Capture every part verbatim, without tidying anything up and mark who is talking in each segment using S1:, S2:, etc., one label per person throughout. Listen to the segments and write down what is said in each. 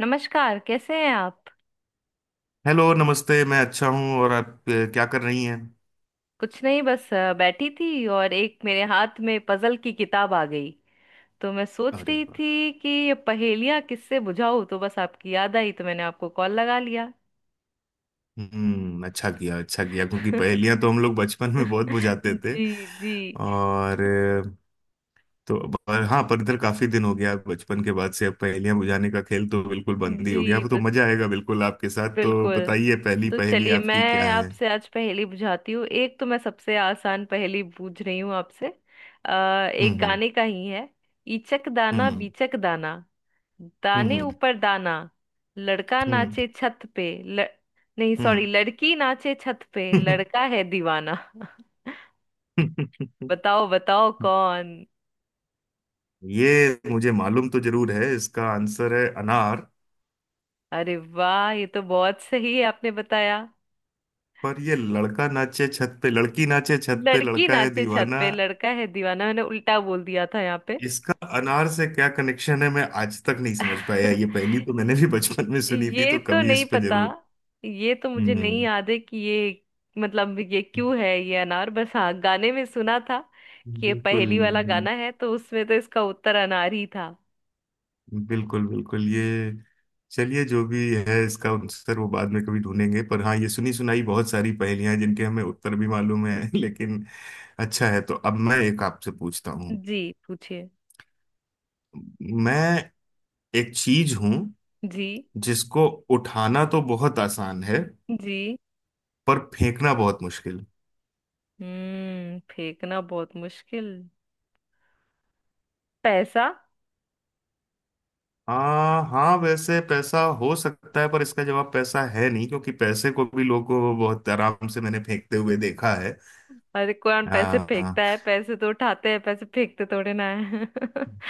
S1: नमस्कार, कैसे हैं आप।
S2: हेलो नमस्ते। मैं अच्छा हूँ। और आप अ, क्या कर रही हैं?
S1: कुछ नहीं, बस अ, बैठी थी और एक मेरे हाथ में पजल की किताब आ गई। तो मैं सोच
S2: अरे
S1: रही
S2: वाह।
S1: थी कि ये पहेलियां किससे बुझाऊं, तो बस आपकी याद आई तो मैंने आपको कॉल लगा लिया।
S2: हम्म, अच्छा किया अच्छा किया, क्योंकि पहेलियां तो हम लोग बचपन में बहुत बुझाते थे।
S1: जी जी।
S2: और अ, तो पर, हाँ पर इधर काफी दिन हो गया, बचपन के बाद से अब पहेलियां बुझाने का खेल तो बिल्कुल बंद ही हो गया।
S1: जी
S2: अब तो
S1: तो
S2: मजा आएगा बिल्कुल आपके साथ। तो
S1: बिल्कुल।
S2: बताइए, पहली
S1: तो
S2: पहेली
S1: चलिए
S2: आपकी
S1: मैं
S2: क्या है?
S1: आपसे आज पहेली बुझाती हूँ। एक तो मैं सबसे आसान पहेली बूझ रही हूँ आपसे। अ, एक
S2: हम्म
S1: गाने का ही है। इचक दाना
S2: हम्म
S1: बीचक दाना, दाने
S2: हम्म
S1: ऊपर दाना, लड़का
S2: हम्म
S1: नाचे छत पे ल... नहीं सॉरी,
S2: हम्म
S1: लड़की नाचे छत पे
S2: हम्म
S1: लड़का है दीवाना।
S2: हम्म।
S1: बताओ बताओ कौन।
S2: ये मुझे मालूम तो जरूर है। इसका आंसर है अनार।
S1: अरे वाह, ये तो बहुत सही है, आपने बताया।
S2: पर ये लड़का नाचे छत पे, लड़की नाचे छत पे
S1: लड़की
S2: लड़का है
S1: नाचे छत
S2: दीवाना।
S1: पे लड़का है दीवाना, मैंने उल्टा बोल दिया था यहाँ पे।
S2: इसका अनार से क्या कनेक्शन है मैं आज तक नहीं समझ पाया। ये पहली तो मैंने भी बचपन में सुनी थी,
S1: ये
S2: तो
S1: तो
S2: कभी
S1: नहीं
S2: इस पे
S1: पता।
S2: जरूर।
S1: ये तो मुझे नहीं
S2: हम्म
S1: याद है कि ये मतलब ये क्यों है ये अनार, बस हाँ गाने में सुना था कि ये
S2: बिल्कुल
S1: पहेली वाला गाना है, तो उसमें तो इसका उत्तर अनार ही था।
S2: बिल्कुल। बिल्कुल ये चलिए, जो भी है इसका आंसर वो बाद में कभी ढूंढेंगे। पर हाँ, ये सुनी सुनाई बहुत सारी पहेलियां हैं जिनके हमें उत्तर भी मालूम है लेकिन अच्छा है। तो अब मैं एक आपसे पूछता हूँ।
S1: जी पूछिए।
S2: मैं एक चीज हूं
S1: जी
S2: जिसको उठाना तो बहुत आसान है,
S1: जी।
S2: पर फेंकना बहुत मुश्किल।
S1: हम्म, फेंकना बहुत मुश्किल। पैसा।
S2: आ, हाँ वैसे पैसा हो सकता है, पर इसका जवाब पैसा है नहीं, क्योंकि पैसे को भी लोगों को बहुत आराम से मैंने फेंकते हुए देखा है।
S1: अरे कौन पैसे
S2: हाँ, हाँ।
S1: फेंकता है, पैसे तो उठाते हैं, पैसे फेंकते थोड़े ना है।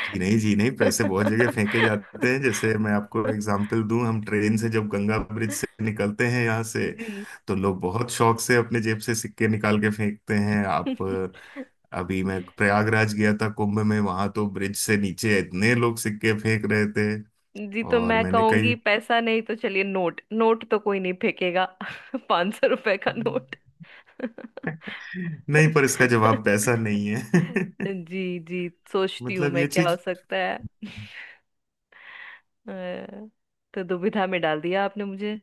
S2: जी नहीं जी नहीं, पैसे बहुत जगह फेंके जाते हैं। जैसे मैं आपको एग्जांपल दूं, हम ट्रेन से जब गंगा ब्रिज से निकलते हैं यहाँ से,
S1: जी।
S2: तो लोग बहुत शौक से अपने जेब से सिक्के निकाल के फेंकते हैं। आप, अभी मैं प्रयागराज गया था कुंभ में, वहां तो ब्रिज से नीचे इतने लोग सिक्के फेंक रहे थे।
S1: जी तो
S2: और
S1: मैं
S2: मैंने कई,
S1: कहूंगी पैसा नहीं, तो चलिए नोट, नोट तो कोई नहीं फेंकेगा। पांच सौ रुपए का नोट।
S2: नहीं पर इसका जवाब पैसा नहीं है
S1: जी जी, सोचती हूँ
S2: मतलब
S1: मैं
S2: ये
S1: क्या हो
S2: चीज,
S1: सकता है। अ, तो दुविधा में डाल दिया आपने मुझे।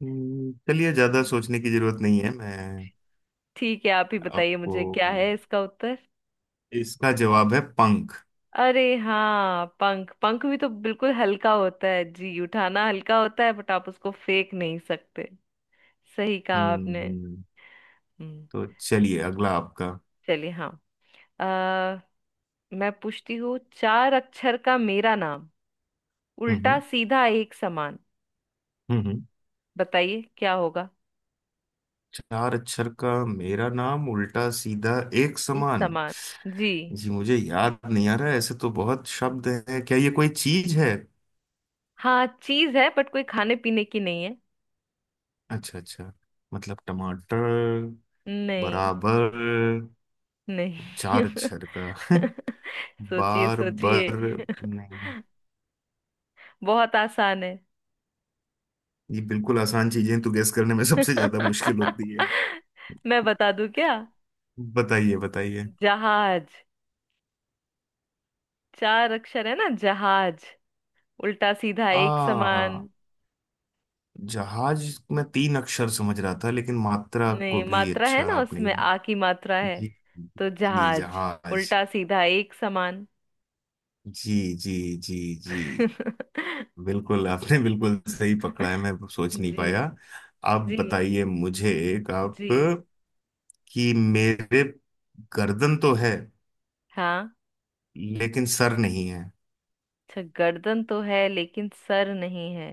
S2: हम्म, चलिए ज्यादा सोचने की जरूरत नहीं है। मैं
S1: ठीक है, आप ही बताइए
S2: आपको
S1: मुझे क्या है इसका उत्तर।
S2: इसका जवाब है पंख।
S1: अरे हाँ पंख, पंख भी तो बिल्कुल हल्का होता है जी, उठाना हल्का होता है, बट आप उसको फेंक नहीं सकते। सही कहा
S2: हम्म
S1: आपने।
S2: हम्म
S1: हम्म।
S2: तो चलिए अगला आपका।
S1: चलिए हाँ। आ, मैं पूछती हूँ। चार अक्षर का मेरा नाम,
S2: हम्म
S1: उल्टा
S2: हम्म
S1: सीधा एक समान,
S2: हम्म हम्म।
S1: बताइए क्या होगा।
S2: चार अक्षर का मेरा नाम, उल्टा सीधा एक
S1: एक
S2: समान।
S1: समान। जी
S2: जी मुझे याद नहीं आ रहा है, ऐसे तो बहुत शब्द है। क्या ये कोई चीज है?
S1: हाँ चीज है, बट कोई खाने पीने की नहीं है।
S2: अच्छा अच्छा। मतलब टमाटर?
S1: नहीं।
S2: बराबर?
S1: नहीं।
S2: चार अक्षर का
S1: सोचिए
S2: बार
S1: सोचिए।
S2: बर नहीं।
S1: बहुत आसान है।
S2: ये बिल्कुल आसान चीजें तो गैस करने में सबसे ज्यादा मुश्किल होती है।
S1: मैं बता दूं क्या।
S2: बताइए बताइए।
S1: जहाज, चार अक्षर है ना जहाज, उल्टा सीधा एक
S2: आ
S1: समान।
S2: जहाज में तीन अक्षर समझ रहा था, लेकिन मात्रा
S1: नहीं,
S2: को भी,
S1: मात्रा है
S2: अच्छा
S1: ना,
S2: आपने।
S1: उसमें आ की मात्रा है।
S2: जी
S1: तो
S2: जी।
S1: जहाज
S2: जहाज।
S1: उल्टा सीधा एक समान।
S2: जी जी जी जी। बिल्कुल आपने बिल्कुल सही पकड़ा है, मैं सोच नहीं
S1: जी
S2: पाया। आप
S1: जी
S2: बताइए मुझे एक। आप
S1: जी।
S2: कि मेरे गर्दन तो है,
S1: हाँ।
S2: लेकिन सर नहीं है।
S1: अच्छा, गर्दन तो है लेकिन सर नहीं है।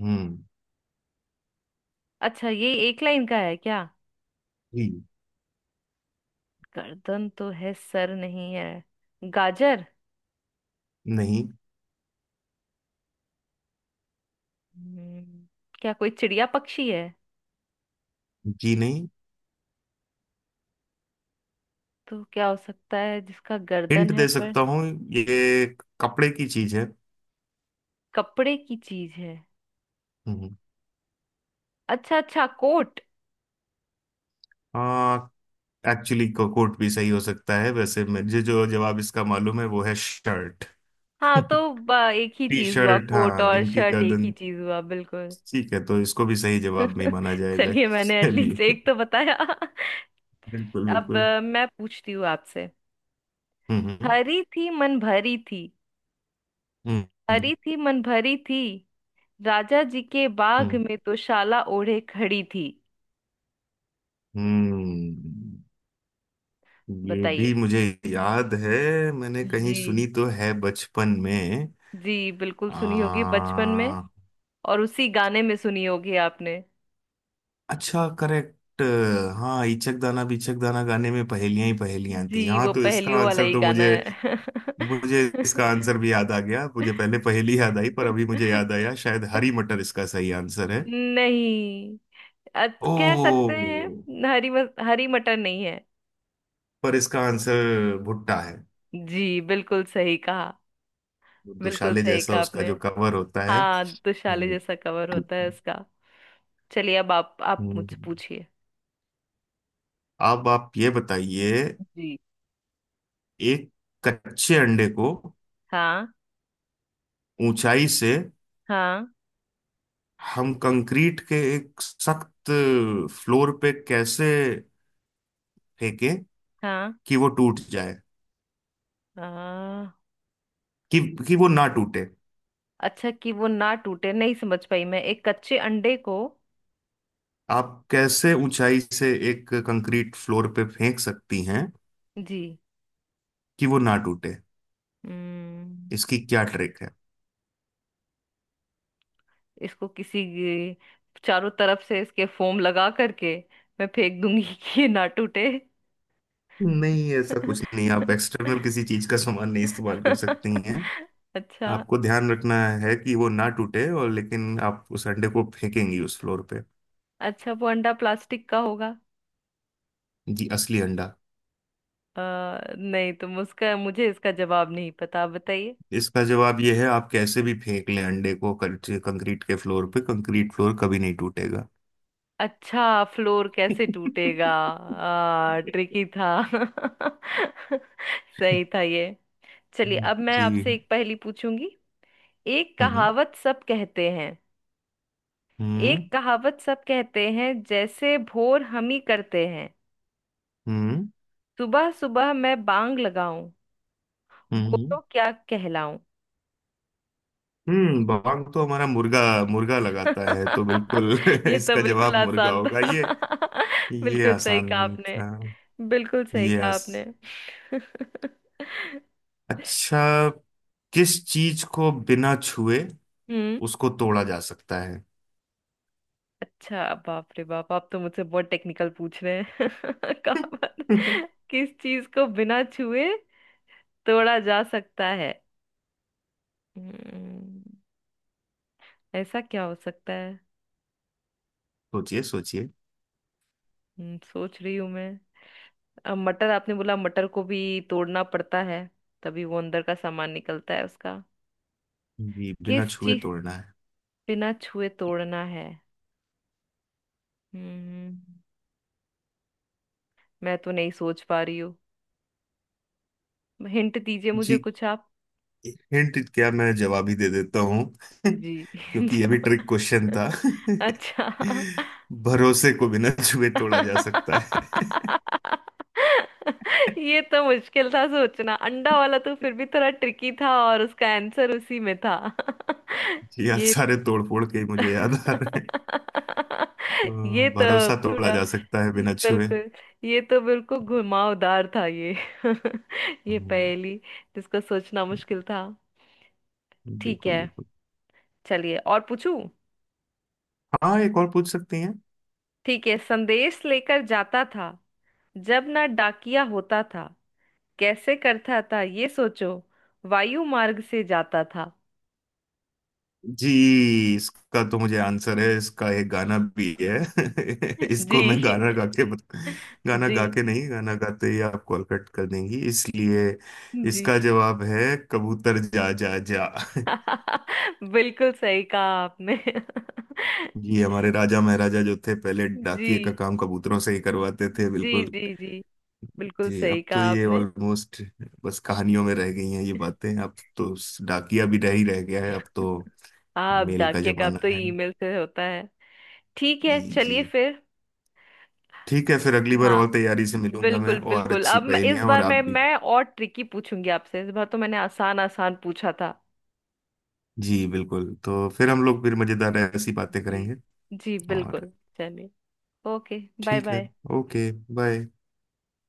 S2: हम्म।
S1: अच्छा, ये एक लाइन का है क्या।
S2: जी
S1: गर्दन तो है सर नहीं है। गाजर।
S2: नहीं
S1: हम्म, क्या कोई चिड़िया पक्षी है।
S2: जी नहीं।
S1: तो क्या हो सकता है जिसका गर्दन
S2: हिंट
S1: है
S2: दे
S1: पर।
S2: सकता हूँ। ये कपड़े की चीज है।
S1: कपड़े की चीज है।
S2: हम्म।
S1: अच्छा अच्छा, कोट।
S2: आ, एक्चुअली कोट भी सही हो सकता है, वैसे मुझे जो जवाब इसका मालूम है वो है शर्ट।
S1: हाँ तो ब- एक ही
S2: टी
S1: चीज हुआ,
S2: शर्ट
S1: कोट
S2: हाँ
S1: और
S2: इनकी
S1: शर्ट एक ही
S2: गर्दन।
S1: चीज हुआ बिल्कुल।
S2: ठीक है, तो इसको भी सही जवाब नहीं माना जाएगा,
S1: चलिए, मैंने एटलीस्ट
S2: चलिए।
S1: एक तो बताया।
S2: बिल्कुल
S1: अब
S2: बिल्कुल।
S1: अ, मैं पूछती हूँ आपसे।
S2: हम्म हम्म
S1: हरी थी मन भरी थी
S2: हम्म हम्म
S1: हरी थी मन भरी थी, राजा जी के बाग
S2: हम्म।
S1: में तो शाला ओढ़े खड़ी थी।
S2: हम्म, ये
S1: बताइए।
S2: भी मुझे याद है, मैंने कहीं
S1: जी।
S2: सुनी तो है बचपन में।
S1: जी बिल्कुल सुनी होगी बचपन में,
S2: आ,
S1: और उसी गाने में सुनी होगी आपने।
S2: अच्छा करेक्ट। हाँ, इचक दाना बिचक दाना गाने में पहेलियां ही पहेलियां थी।
S1: जी
S2: हाँ,
S1: वो
S2: तो इसका
S1: पहेलियों वाला
S2: आंसर
S1: ही
S2: तो
S1: गाना
S2: मुझे,
S1: है।
S2: मुझे इसका आंसर भी याद आ गया। मुझे पहले पहेली याद आई पर अभी मुझे याद आया, शायद हरी मटर इसका सही आंसर है।
S1: नहीं। अत- कह सकते
S2: ओ,
S1: हैं, हरी म, हरी मटर नहीं है।
S2: पर इसका आंसर भुट्टा है।
S1: जी बिल्कुल सही कहा। बिल्कुल
S2: दुशाले
S1: सही
S2: जैसा
S1: कहा
S2: उसका
S1: आपने।
S2: जो कवर होता है।
S1: हाँ, दुशाले
S2: हम्म
S1: जैसा कवर होता है उसका। चलिए अब आप आप मुझसे
S2: हम्म।
S1: पूछिए।
S2: अब आप ये बताइए,
S1: जी।
S2: एक कच्चे अंडे को
S1: हाँ।
S2: ऊंचाई से
S1: हाँ।
S2: हम कंक्रीट के एक सख्त फ्लोर पे कैसे फेंकें
S1: हाँ।
S2: कि वो टूट जाए
S1: हाँ।
S2: कि कि वो ना टूटे?
S1: अच्छा कि वो ना टूटे, नहीं समझ पाई मैं। एक कच्चे अंडे को।
S2: आप कैसे ऊंचाई से एक कंक्रीट फ्लोर पे फेंक सकती हैं
S1: जी।
S2: कि वो ना टूटे,
S1: हम्म।
S2: इसकी क्या ट्रिक है?
S1: इसको किसी चारों तरफ से इसके फोम लगा करके मैं फेंक दूंगी कि ये ना टूटे।
S2: नहीं ऐसा कुछ नहीं, आप एक्सटर्नल किसी चीज का सामान नहीं इस्तेमाल कर सकती हैं।
S1: अच्छा।
S2: आपको ध्यान रखना है कि वो ना टूटे, और लेकिन आप उस अंडे को फेंकेंगी उस फ्लोर पे।
S1: अच्छा, वो अंडा प्लास्टिक का होगा।
S2: जी असली अंडा।
S1: अ, नहीं तुम उसका, मुझे इसका जवाब नहीं पता, आप बताइए।
S2: इसका जवाब ये है, आप कैसे भी फेंक लें अंडे को कंक्री- कंक्रीट के फ्लोर पे, कंक्रीट फ्लोर कभी नहीं टूटेगा।
S1: अच्छा। फ्लोर कैसे टूटेगा, आ, ट्रिकी था। सही था ये। चलिए अब मैं
S2: जी।
S1: आपसे एक पहेली पूछूंगी। एक
S2: हम्म
S1: कहावत सब कहते हैं एक
S2: हम्म
S1: कहावत सब कहते हैं, जैसे भोर हम ही करते हैं,
S2: हम्म
S1: सुबह सुबह मैं बांग लगाऊं, वो
S2: हम्म
S1: तो क्या कहलाऊं।
S2: हम्म, बांग तो हमारा मुर्गा, मुर्गा लगाता है, तो बिल्कुल
S1: ये तो
S2: इसका जवाब
S1: बिल्कुल
S2: मुर्गा
S1: आसान
S2: होगा।
S1: था।
S2: ये ये
S1: बिल्कुल सही कहा
S2: आसान
S1: आपने।
S2: था।
S1: बिल्कुल सही
S2: ये
S1: कहा
S2: आस...
S1: आपने।
S2: अच्छा, किस चीज को बिना छुए
S1: हम्म।
S2: उसको तोड़ा जा सकता है?
S1: अच्छा, बाप रे बाप, आप तो मुझसे बहुत टेक्निकल पूछ रहे हैं। कहावत। किस चीज को बिना छुए तोड़ा जा सकता है। हम्म, ऐसा क्या हो सकता है।
S2: सोचिए सोचिए।
S1: हम्म, सोच रही हूं मैं। अब मटर आपने बोला, मटर को भी तोड़ना पड़ता है, तभी वो अंदर का सामान निकलता है उसका।
S2: जी बिना
S1: किस
S2: छुए
S1: चीज
S2: तोड़ना है।
S1: बिना छुए तोड़ना है। हम्म, मैं तो नहीं सोच पा रही हूँ। हिंट दीजिए मुझे
S2: जी,
S1: कुछ आप।
S2: हिंट क्या मैं जवाब ही दे देता हूँ।
S1: जी।
S2: क्योंकि ये भी
S1: जो-।
S2: ट्रिक क्वेश्चन था
S1: अच्छा।
S2: भरोसे को बिना छुए तोड़ा जा सकता है।
S1: ये तो मुश्किल था सोचना, अंडा वाला तो फिर भी थोड़ा ट्रिकी था और उसका आंसर उसी में था।
S2: जी आप
S1: ये।
S2: सारे तोड़फोड़ के ही मुझे याद आ रहे हैं।
S1: ये
S2: तो
S1: तो
S2: भरोसा तोड़ा
S1: थोड़ा
S2: जा सकता है बिना छुए।
S1: बिल्कुल, ये तो बिल्कुल घुमावदार था ये। ये
S2: हम्म,
S1: पहेली जिसको सोचना मुश्किल था। ठीक
S2: बिल्कुल
S1: है।
S2: बिल्कुल।
S1: चलिए और पूछूं।
S2: हाँ, एक और पूछ सकती हैं।
S1: ठीक है, संदेश लेकर जाता था, जब ना डाकिया होता था, कैसे करता था ये सोचो, वायु मार्ग से जाता था।
S2: जी, इसका तो मुझे आंसर है, इसका एक गाना भी है
S1: जी।
S2: इसको मैं गाना गा के बत... गाना
S1: जी
S2: गा के नहीं, गाना गाते ही आप कॉल कट कर देंगी इसलिए
S1: जी।
S2: इसका जवाब है कबूतर जा जा जा।
S1: बिल्कुल सही कहा आपने।
S2: जी, हमारे राजा महाराजा जो थे पहले,
S1: जी
S2: डाकिए का काम कबूतरों से ही करवाते थे,
S1: जी।
S2: बिल्कुल।
S1: जी जी बिल्कुल
S2: जी,
S1: सही
S2: अब तो
S1: कहा
S2: ये
S1: आपने।
S2: ऑलमोस्ट बस कहानियों में रह गई हैं ये बातें। अब तो स- डाकिया भी नहीं रह गया है अब तो,
S1: हाँ अब
S2: मेल का
S1: डाकिया का, अब
S2: जमाना
S1: तो
S2: है।
S1: ईमेल से होता है। ठीक
S2: जी
S1: है
S2: जी।
S1: चलिए फिर।
S2: ठीक है, फिर अगली बार
S1: हाँ
S2: और तैयारी से मिलूंगा मैं,
S1: बिल्कुल
S2: और
S1: बिल्कुल।
S2: अच्छी
S1: अब मैं, इस
S2: पहेलियां। और
S1: बार
S2: आप
S1: मैं
S2: भी,
S1: मैं और ट्रिकी पूछूंगी आपसे, इस बार तो मैंने आसान आसान पूछा था।
S2: जी बिल्कुल। तो फिर हम लोग फिर मजेदार ऐसी बातें
S1: जी
S2: करेंगे।
S1: जी
S2: और
S1: बिल्कुल। चलिए। ओके। बाय
S2: ठीक है,
S1: बाय।
S2: ओके। बाय।